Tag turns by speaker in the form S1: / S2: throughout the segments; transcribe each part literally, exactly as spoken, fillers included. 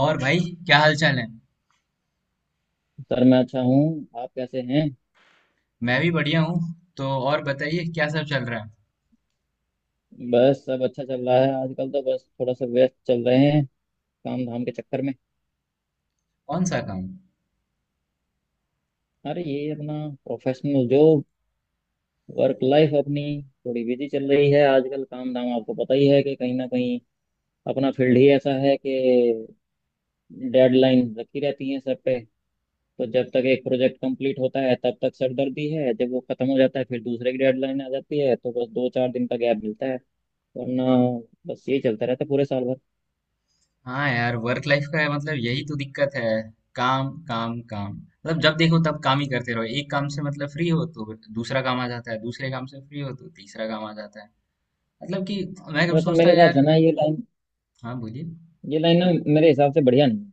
S1: और भाई, क्या हाल चाल है।
S2: सर, मैं अच्छा हूँ। आप कैसे हैं?
S1: मैं भी बढ़िया हूँ। तो और बताइए क्या सब चल रहा है।
S2: बस, सब अच्छा चल रहा है। आजकल तो बस थोड़ा सा व्यस्त चल रहे हैं, काम धाम के चक्कर में।
S1: कौन सा काम।
S2: अरे, ये अपना प्रोफेशनल जॉब, वर्क लाइफ अपनी थोड़ी बिजी चल रही है आजकल। काम धाम आपको पता ही है, कि कहीं ना कहीं अपना फील्ड ही ऐसा है कि डेडलाइन रखी रहती है सर पे। तो जब तक एक प्रोजेक्ट कंप्लीट होता है तब तक सरदर्दी है। जब वो खत्म हो जाता है, फिर दूसरे की डेडलाइन आ जाती है, तो बस दो चार दिन का गैप मिलता है। वरना बस यही चलता रहता है पूरे साल भर।
S1: हाँ यार, वर्क लाइफ का है मतलब यही तो दिक्कत है। काम काम काम, मतलब जब देखो तब काम ही करते रहो। एक काम से मतलब फ्री हो तो दूसरा काम आ जाता है, दूसरे काम से फ्री हो तो तीसरा काम आ जाता है। मतलब कि मैं कब
S2: वैसे
S1: सोचता
S2: मेरे
S1: है
S2: हिसाब से
S1: यार।
S2: ना, ये लाइन,
S1: हाँ बोलिए।
S2: ये लाइन ना मेरे हिसाब से बढ़िया नहीं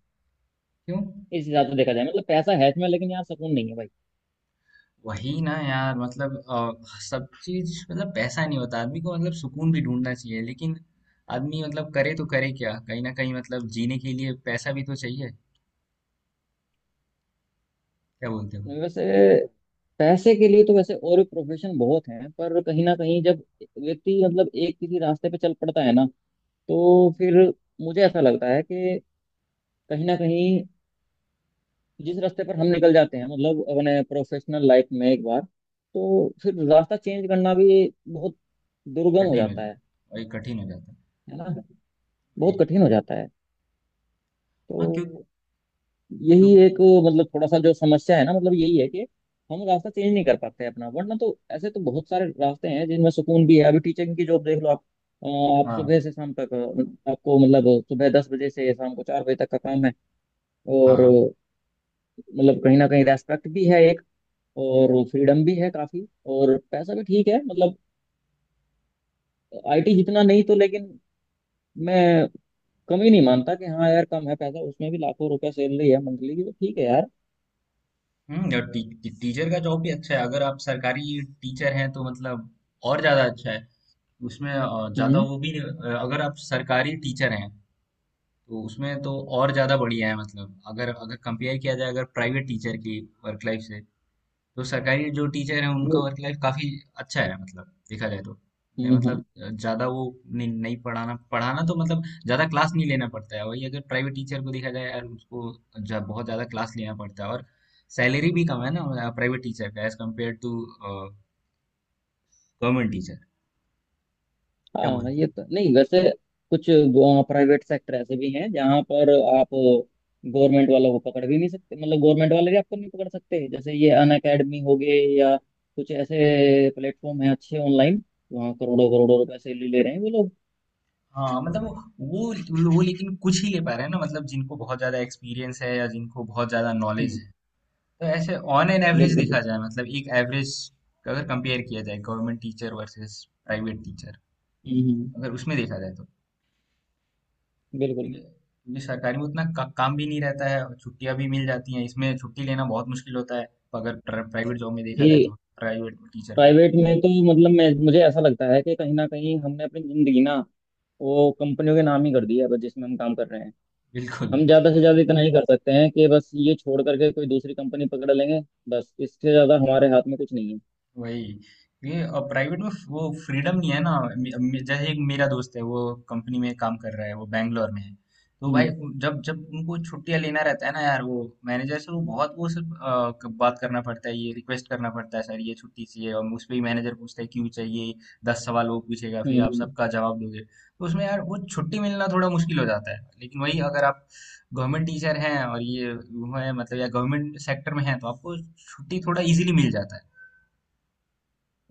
S1: क्यों।
S2: है। इस हिसाब से देखा जाए, मतलब पैसा है इसमें, लेकिन यार, सुकून नहीं है भाई।
S1: वही ना यार, मतलब अ, सब चीज मतलब पैसा नहीं होता आदमी को, मतलब सुकून भी ढूंढना चाहिए लेकिन आदमी मतलब करे तो करे क्या, कहीं ना कहीं मतलब जीने के लिए पैसा भी तो चाहिए। क्या बोलते हो।
S2: वैसे पैसे के लिए तो वैसे और भी प्रोफेशन बहुत हैं, पर कहीं ना कहीं जब व्यक्ति, मतलब एक किसी रास्ते पे चल पड़ता है ना, तो फिर मुझे ऐसा लगता है कि कहीं ना कहीं जिस रास्ते पर हम निकल जाते हैं, मतलब अपने प्रोफेशनल लाइफ में, एक बार तो फिर रास्ता चेंज करना भी बहुत दुर्गम हो
S1: कठिन हो
S2: जाता
S1: जाता,
S2: है।
S1: वही कठिन हो जाता है।
S2: है ना, बहुत
S1: वही।
S2: कठिन हो जाता है।
S1: हाँ क्यों।
S2: तो
S1: क्यों।
S2: यही एक, मतलब थोड़ा सा जो समस्या है ना, मतलब यही है कि हम रास्ता चेंज नहीं कर पाते हैं अपना। वरना तो ऐसे तो बहुत सारे रास्ते हैं जिनमें सुकून भी है। अभी टीचिंग की जॉब देख लो आप। अ, आप
S1: हाँ।
S2: सुबह से शाम तक, अ, आपको मतलब सुबह दस बजे से शाम को चार बजे तक का काम है, और
S1: हाँ।
S2: अ, मतलब कहीं ना कहीं रेस्पेक्ट भी है एक, और फ्रीडम भी है काफी, और पैसा भी ठीक है। मतलब आईटी जितना नहीं तो, लेकिन मैं कम ही नहीं मानता कि हाँ यार कम है। पैसा उसमें भी लाखों रुपया सैलरी है मंथली की, तो ठीक है यार।
S1: हम्म, और टी, टी, टीचर का जॉब भी अच्छा है, अगर आप सरकारी टीचर हैं तो मतलब और ज्यादा अच्छा है। उसमें अ, ज्यादा
S2: हम्म,
S1: वो भी नहीं- अ, अगर आप सरकारी टीचर हैं तो उसमें तो और ज़्यादा बढ़िया है। मतलब अगर अगर कंपेयर किया जाए अगर प्राइवेट टीचर की वर्क लाइफ से, तो सरकारी जो टीचर है उनका वर्क लाइफ काफ़ी अच्छा है, मतलब देखा जाए तो। नहीं,
S2: हम्म।
S1: मतलब ज़्यादा वो नहीं, नहीं पढ़ाना पढ़ाना तो मतलब ज़्यादा क्लास नहीं लेना पड़ता है। वही अगर प्राइवेट टीचर को देखा जाए यार, उसको जा, बहुत ज़्यादा क्लास लेना पड़ता है, और सैलरी भी कम है ना प्राइवेट टीचर का as compare to government teacher. क्या
S2: हाँ,
S1: बोलते हैं।
S2: ये तो नहीं वैसे। कुछ प्राइवेट सेक्टर ऐसे भी हैं जहाँ पर आप गवर्नमेंट वालों को पकड़ भी नहीं सकते, मतलब गवर्नमेंट वाले भी आपको नहीं पकड़ सकते। जैसे ये अन अकेडमी हो गए, या कुछ ऐसे प्लेटफॉर्म है अच्छे ऑनलाइन। वहाँ करोड़ों करोड़ों रुपए से ले ले रहे हैं वो लोग।
S1: हाँ मतलब वो वो मतलब वो लेकिन कुछ ही ले पा रहे हैं ना, मतलब जिनको बहुत ज्यादा एक्सपीरियंस है या जिनको बहुत ज्यादा नॉलेज
S2: हम्म,
S1: है। तो ऐसे ऑन एन एवरेज
S2: बिल्कुल
S1: देखा
S2: बिल्कुल।
S1: जाए मतलब एक एवरेज, अगर कंपेयर किया जाए government teacher versus private teacher,
S2: हम्म, हम्म,
S1: अगर उसमें देखा जाए तो
S2: बिल्कुल
S1: ठीक है, क्योंकि सरकारी में उतना का, काम भी नहीं रहता है और छुट्टियां भी मिल जाती हैं। इसमें छुट्टी लेना बहुत मुश्किल होता है अगर प्राइवेट जॉब में देखा जाए
S2: ये।
S1: तो, प्राइवेट टीचर को।
S2: प्राइवेट में तो मतलब मैं मुझे ऐसा लगता है कि कहीं ना कहीं हमने अपनी जिंदगी ना, वो कंपनियों के नाम ही कर दिया है जिसमें हम काम कर रहे हैं।
S1: बिल्कुल।
S2: हम ज्यादा से ज्यादा इतना ही कर सकते हैं कि बस ये छोड़ करके कोई दूसरी कंपनी पकड़ लेंगे। बस इससे ज्यादा हमारे हाथ में कुछ नहीं है।
S1: वही। ये और प्राइवेट में वो फ्रीडम नहीं है ना। मे- मे- जैसे एक मेरा दोस्त है, वो कंपनी में काम कर रहा है, वो बैंगलोर में है, तो भाई
S2: हम्म,
S1: उन- जब जब उनको छुट्टियां लेना रहता है ना यार, वो मैनेजर से वो बहुत वो सिर्फ अ, क- बात करना पड़ता है, ये रिक्वेस्ट करना पड़ता है सर ये छुट्टी चाहिए, और उस पर ही मैनेजर पूछता है क्यों चाहिए। दस सवाल वो पूछेगा, फिर आप
S2: हम्म,
S1: सबका जवाब दोगे तो उसमें यार वो छुट्टी मिलना थोड़ा मुश्किल हो जाता है। लेकिन वही अगर आप गवर्नमेंट टीचर हैं और ये वो है मतलब, या गवर्नमेंट सेक्टर में हैं, तो आपको छुट्टी थोड़ा इजीली मिल जाता है।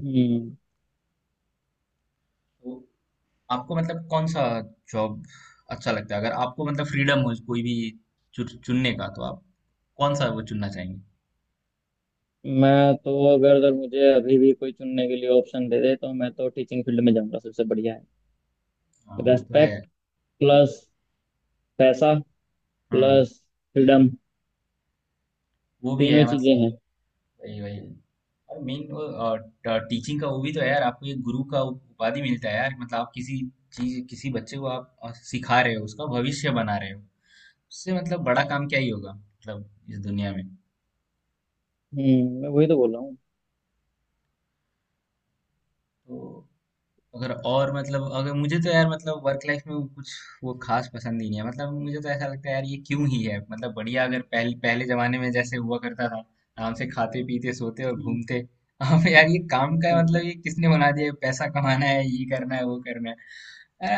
S2: हम्म।
S1: तो आपको मतलब कौन सा जॉब अच्छा लगता है, अगर आपको मतलब फ्रीडम हो कोई भी चु- चुनने का, तो आप कौन सा वो चुनना चाहेंगे।
S2: मैं तो अगर अगर मुझे अभी भी कोई चुनने के लिए ऑप्शन दे दे, तो मैं तो टीचिंग फील्ड में जाऊंगा। सबसे बढ़िया है,
S1: हाँ वो तो है।
S2: रेस्पेक्ट प्लस पैसा
S1: हम्म।
S2: प्लस फ्रीडम,
S1: वो भी
S2: तीनों
S1: है
S2: ही चीजें
S1: मतलब
S2: हैं।
S1: वही वही। और मेन वो टीचिंग का वो भी तो है यार, आपको एक गुरु का उप- उपाधि मिलता है यार। मतलब आप किसी चीज किसी बच्चे को आप अ, सिखा रहे हो, उसका भविष्य बना रहे हो, उससे मतलब बड़ा काम क्या ही होगा मतलब इस दुनिया में।
S2: हम्म, मैं वही तो बोल रहा हूँ।
S1: तो अगर और मतलब अगर मुझे तो यार मतलब वर्क लाइफ में वो कुछ वो खास पसंद नहीं है, मतलब मुझे तो ऐसा लगता है यार ये क्यों ही है मतलब। बढ़िया अगर पहले पहले जमाने में जैसे हुआ करता था आराम से खाते पीते सोते और
S2: हम्म,
S1: घूमते। अब यार ये काम का मतलब
S2: हम्म,
S1: ये किसने बना दिया है? पैसा कमाना है, ये करना है, वो करना है।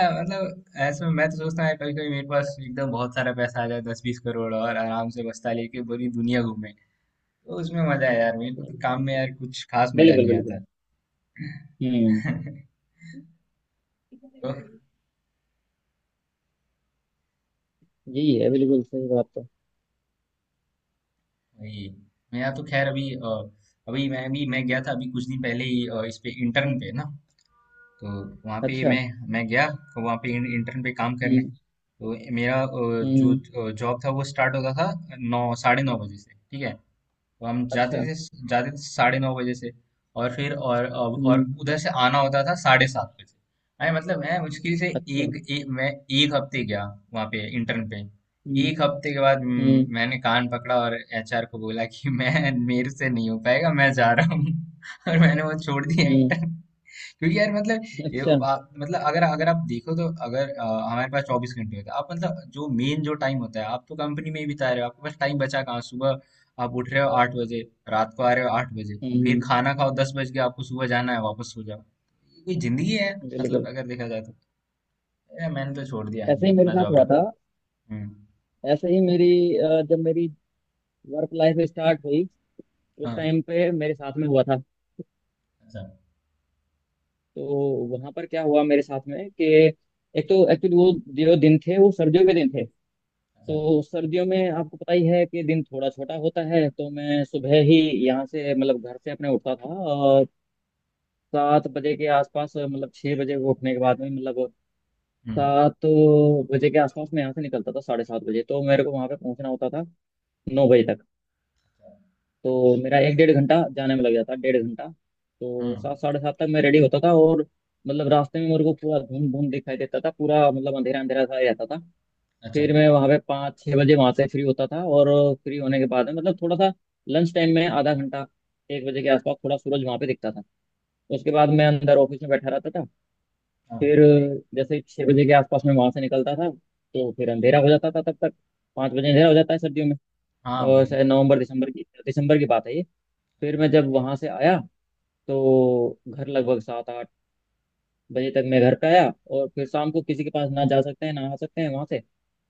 S1: आ, मतलब ऐसे में मैं तो सोचता हूँ कभी कभी मेरे पास एकदम बहुत सारा पैसा आ जाए दस बीस करोड़, और आराम से बस्ता लेके पूरी दुनिया घूमे, तो उसमें मजा है यार। मेरे को तो
S2: सही
S1: काम
S2: बात
S1: में
S2: है,
S1: यार
S2: बिल्कुल
S1: कुछ खास मजा
S2: बिल्कुल
S1: नहीं
S2: बिल्कुल।
S1: आता।
S2: हम्म,
S1: तो
S2: यही है, बिल्कुल सही बात है।
S1: वही। मेरा तो खैर अभी अ, अभी मैं भी मैं गया था, अभी कुछ दिन पहले ही अ, इस पे इंटर्न पे ना। तो वहाँ पे
S2: अच्छा,
S1: मैं मैं गया तो वहाँ पे इंटर्न पे काम करने,
S2: हम्म,
S1: तो मेरा अ,
S2: हम्म,
S1: जो जॉब था वो स्टार्ट होता था नौ साढ़े नौ बजे से, ठीक है। तो हम जाते
S2: अच्छा,
S1: थे, जाते थे साढ़े नौ बजे से, और फिर और और और
S2: हम्म,
S1: उधर से आना होता था साढ़े सात बजे। मैं मतलब मैं मुश्किल से
S2: अच्छा,
S1: एक, एक मैं एक हफ्ते गया वहाँ पे इंटर्न पे।
S2: हम्म,
S1: एक हफ्ते के बाद म,
S2: हम्म,
S1: मैंने कान पकड़ा और एच आर को बोला कि मैं मेरे से नहीं हो पाएगा मैं जा रहा हूँ। और मैंने वो छोड़ दिया
S2: हम्म,
S1: इंटर्न, क्योंकि यार मतलब ये
S2: अच्छा, हम्म,
S1: आप, मतलब अगर अगर आप देखो तो अगर अ, हमारे पास चौबीस घंटे होते हैं, आप मतलब जो मेन जो टाइम होता है आप तो कंपनी में ही बिता रहे हो, आपके पास टाइम बचा कहाँ। सुबह आप उठ रहे हो आठ बजे, रात को आ रहे हो आठ बजे, फिर
S2: हम्म,
S1: खाना खाओ दस बज के, आपको सुबह जाना है वापस सो जाओ, ये कोई जिंदगी है। मतलब
S2: बिल्कुल।
S1: अगर देखा जाए तो ए, मैंने तो छोड़ दिया ये
S2: ऐसे ही मेरे
S1: अपना
S2: साथ
S1: जॉब
S2: हुआ था।
S1: रहा। हम्म।
S2: ऐसे ही मेरी, अ, जब मेरी वर्क लाइफ स्टार्ट हुई, उस
S1: हाँ।
S2: टाइम पे मेरे साथ में हुआ था।
S1: अच्छा।
S2: तो वहां पर क्या हुआ मेरे साथ में, कि एक तो एक्चुअली वो जो दिन थे वो सर्दियों के दिन थे।
S1: अच्छा।
S2: तो सर्दियों में आपको पता ही है कि दिन थोड़ा छोटा होता है, तो मैं सुबह ही यहाँ से, मतलब घर से अपने उठता था, और सात बजे के आसपास, मतलब छह बजे को उठने के बाद में, मतलब
S1: हम्म।
S2: सात बजे के आसपास मैं यहाँ से निकलता था साढ़े सात बजे, तो मेरे को वहां पे पहुंचना होता था नौ बजे तक। तो मेरा एक डेढ़ घंटा जाने में लग जाता, डेढ़ घंटा, तो
S1: हम्म।
S2: सात साढ़े सात तक मैं रेडी होता था, और मतलब रास्ते में मेरे को पूरा धुंध धुंध दिखाई देता था, पूरा मतलब अंधेरा अंधेरा सा ही रहता था।
S1: अच्छा।
S2: फिर मैं वहां पे पाँच छह बजे वहां से फ्री होता था, और फ्री होने के बाद में, मतलब थोड़ा सा, लंच टाइम में आधा घंटा, एक बजे के आसपास थोड़ा सूरज वहां पे दिखता था। उसके बाद मैं अंदर ऑफिस में बैठा रहता था।
S1: हाँ।
S2: फिर जैसे छः बजे के आसपास में वहां से निकलता था, तो फिर अंधेरा हो जाता था तब तक, पाँच बजे अंधेरा हो जाता है सर्दियों में।
S1: हाँ।
S2: और
S1: बिल-
S2: शायद नवंबर दिसंबर की, दिसंबर की बात है ये। फिर मैं जब वहां से आया, तो घर लगभग सात आठ बजे तक मैं घर पे आया, और फिर शाम को किसी के पास ना जा सकते हैं, ना आ सकते हैं वहां से।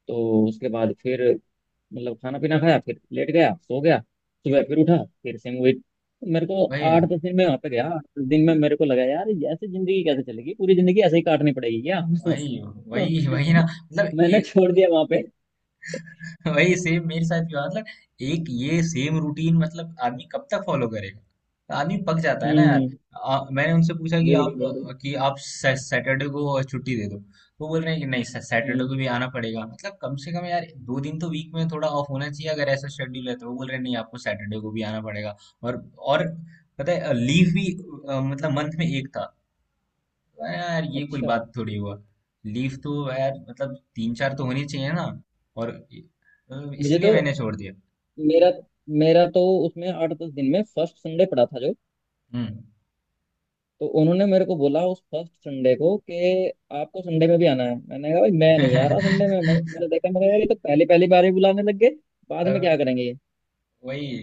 S2: तो उसके बाद फिर, मतलब खाना पीना खाया, फिर लेट गया, सो गया, सुबह फिर उठा, फिर से मूवी। मेरे को
S1: वही
S2: आठ
S1: है।
S2: दस दिन में वहां पे गया, आठ दस दिन में मेरे को लगा, यार ये ऐसे जिंदगी कैसे चलेगी, पूरी जिंदगी ऐसे ही काटनी पड़ेगी क्या?
S1: वही। वही वही ना, मतलब
S2: मैंने
S1: ये।
S2: छोड़ दिया वहां पे।
S1: वही सेम मेरे साथ भी हुआ मतलब। एक ये सेम रूटीन, मतलब आदमी कब तक फॉलो करेगा, आदमी पक जाता है ना यार।
S2: हम्म,
S1: आ, मैंने उनसे पूछा कि आप
S2: बिल्कुल बिल्कुल।
S1: कि आप सै- सैटरडे को छुट्टी दे दो, तो बोल रहे हैं कि नहीं सै- सैटरडे को
S2: हम्म,
S1: भी आना पड़ेगा। मतलब कम से कम यार दो दिन तो वीक में थोड़ा ऑफ होना चाहिए, अगर ऐसा शेड्यूल है तो। वो बोल रहे हैं नहीं आपको सैटरडे को भी आना पड़ेगा। और और पता है लीव भी अ, मतलब मंथ में एक था। अरे यार ये कोई
S2: अच्छा।
S1: बात थोड़ी हुआ। लीव तो यार मतलब तीन चार तो होनी चाहिए ना। और मतलब
S2: मुझे
S1: इसलिए
S2: तो,
S1: मैंने छोड़ दिया।
S2: मेरा मेरा तो उसमें आठ दस दिन में फर्स्ट संडे पड़ा था जो,
S1: हम्म।
S2: तो उन्होंने मेरे को बोला उस फर्स्ट संडे को, कि आपको संडे में भी आना है। मैंने कहा, भाई मैं नहीं आ रहा संडे में। मैं- मैंने देखा, मैंने कहा, ये तो पहली पहली बार ही बुलाने लग गए, बाद में
S1: तब
S2: क्या करेंगे ये।
S1: वही,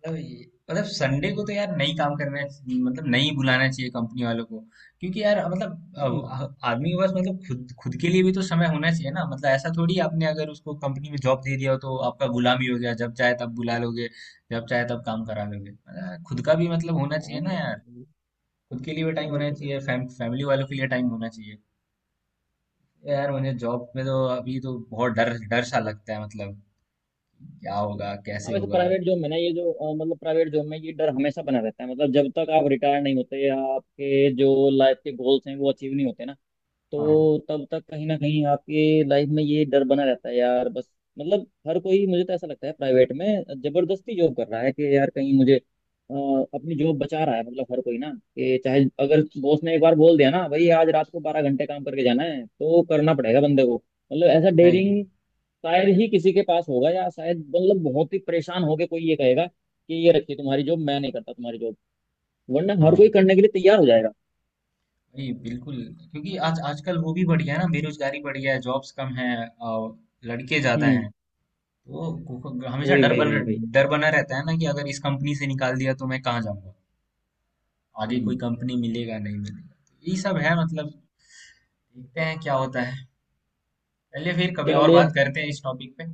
S1: मतलब ये- मतलब संडे को तो यार नहीं काम करना है, मतलब नहीं बुलाना चाहिए कंपनी वालों को। क्योंकि यार मतलब
S2: हम्म,
S1: अब आदमी के पास मतलब खुद खुद के लिए भी तो समय होना चाहिए ना, मतलब ऐसा थोड़ी, आपने अगर उसको कंपनी में जॉब दे दिया हो तो आपका गुलामी हो गया, जब चाहे तब बुला लोगे, जब चाहे तब काम करा लोगे। मतलब खुद का भी मतलब होना चाहिए
S2: हाँ
S1: ना।
S2: यार,
S1: खुद के लिए भी टाइम होना
S2: बिल्कुल
S1: चाहिए,
S2: बिल्कुल।
S1: फैम, फैमिली वालों के लिए टाइम होना चाहिए। यार मुझे जॉब में तो अभी तो बहुत डर डर सा लगता है, मतलब क्या होगा
S2: हाँ
S1: कैसे
S2: वैसे
S1: होगा।
S2: प्राइवेट जॉब में ना, ये जो अ, मतलब प्राइवेट जॉब में ये डर हमेशा बना रहता है, मतलब जब तक आप रिटायर नहीं होते, या आपके जो लाइफ के गोल्स हैं वो अचीव नहीं होते ना,
S1: हाँ।
S2: तो तब तक कहीं ना कहीं आपके लाइफ में ये डर बना रहता है यार, बस। मतलब हर कोई, मुझे तो ऐसा लगता है, प्राइवेट में जबरदस्ती जॉब कर रहा है, कि यार कहीं मुझे, अ, अपनी जॉब बचा रहा है। मतलब हर कोई ना, कि चाहे अगर बॉस ने एक बार बोल दिया ना, भाई आज रात को बारह घंटे काम करके जाना है, तो करना पड़ेगा बंदे को। मतलब ऐसा
S1: नहीं।
S2: डेयरिंग शायद ही किसी के पास होगा, या शायद मतलब बहुत ही परेशान होके कोई ये कहेगा कि ये रखिए तुम्हारी जॉब, मैं नहीं करता तुम्हारी जॉब। वरना हर कोई
S1: हाँ।
S2: करने के लिए तैयार हो जाएगा।
S1: नहीं बिल्कुल। क्योंकि आज आजकल वो भी बढ़ गया है ना, बेरोजगारी बढ़ गया है, जॉब्स कम है और लड़के ज्यादा हैं।
S2: हम्म,
S1: तो को- को- हमेशा
S2: वही
S1: डर
S2: वही
S1: बन
S2: वही वही।
S1: डर बना रहता है ना कि अगर इस कंपनी से निकाल दिया तो मैं कहाँ जाऊंगा। आगे कोई
S2: हम्म,
S1: कंपनी मिलेगा, नहीं मिलेगा, तो यही सब है। मतलब देखते हैं क्या होता है। चलिए फिर कभी और बात
S2: चलिए,
S1: करते हैं इस टॉपिक पे।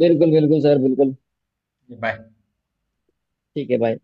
S2: बिल्कुल बिल्कुल सर, बिल्कुल।
S1: बाय।
S2: ठीक है भाई।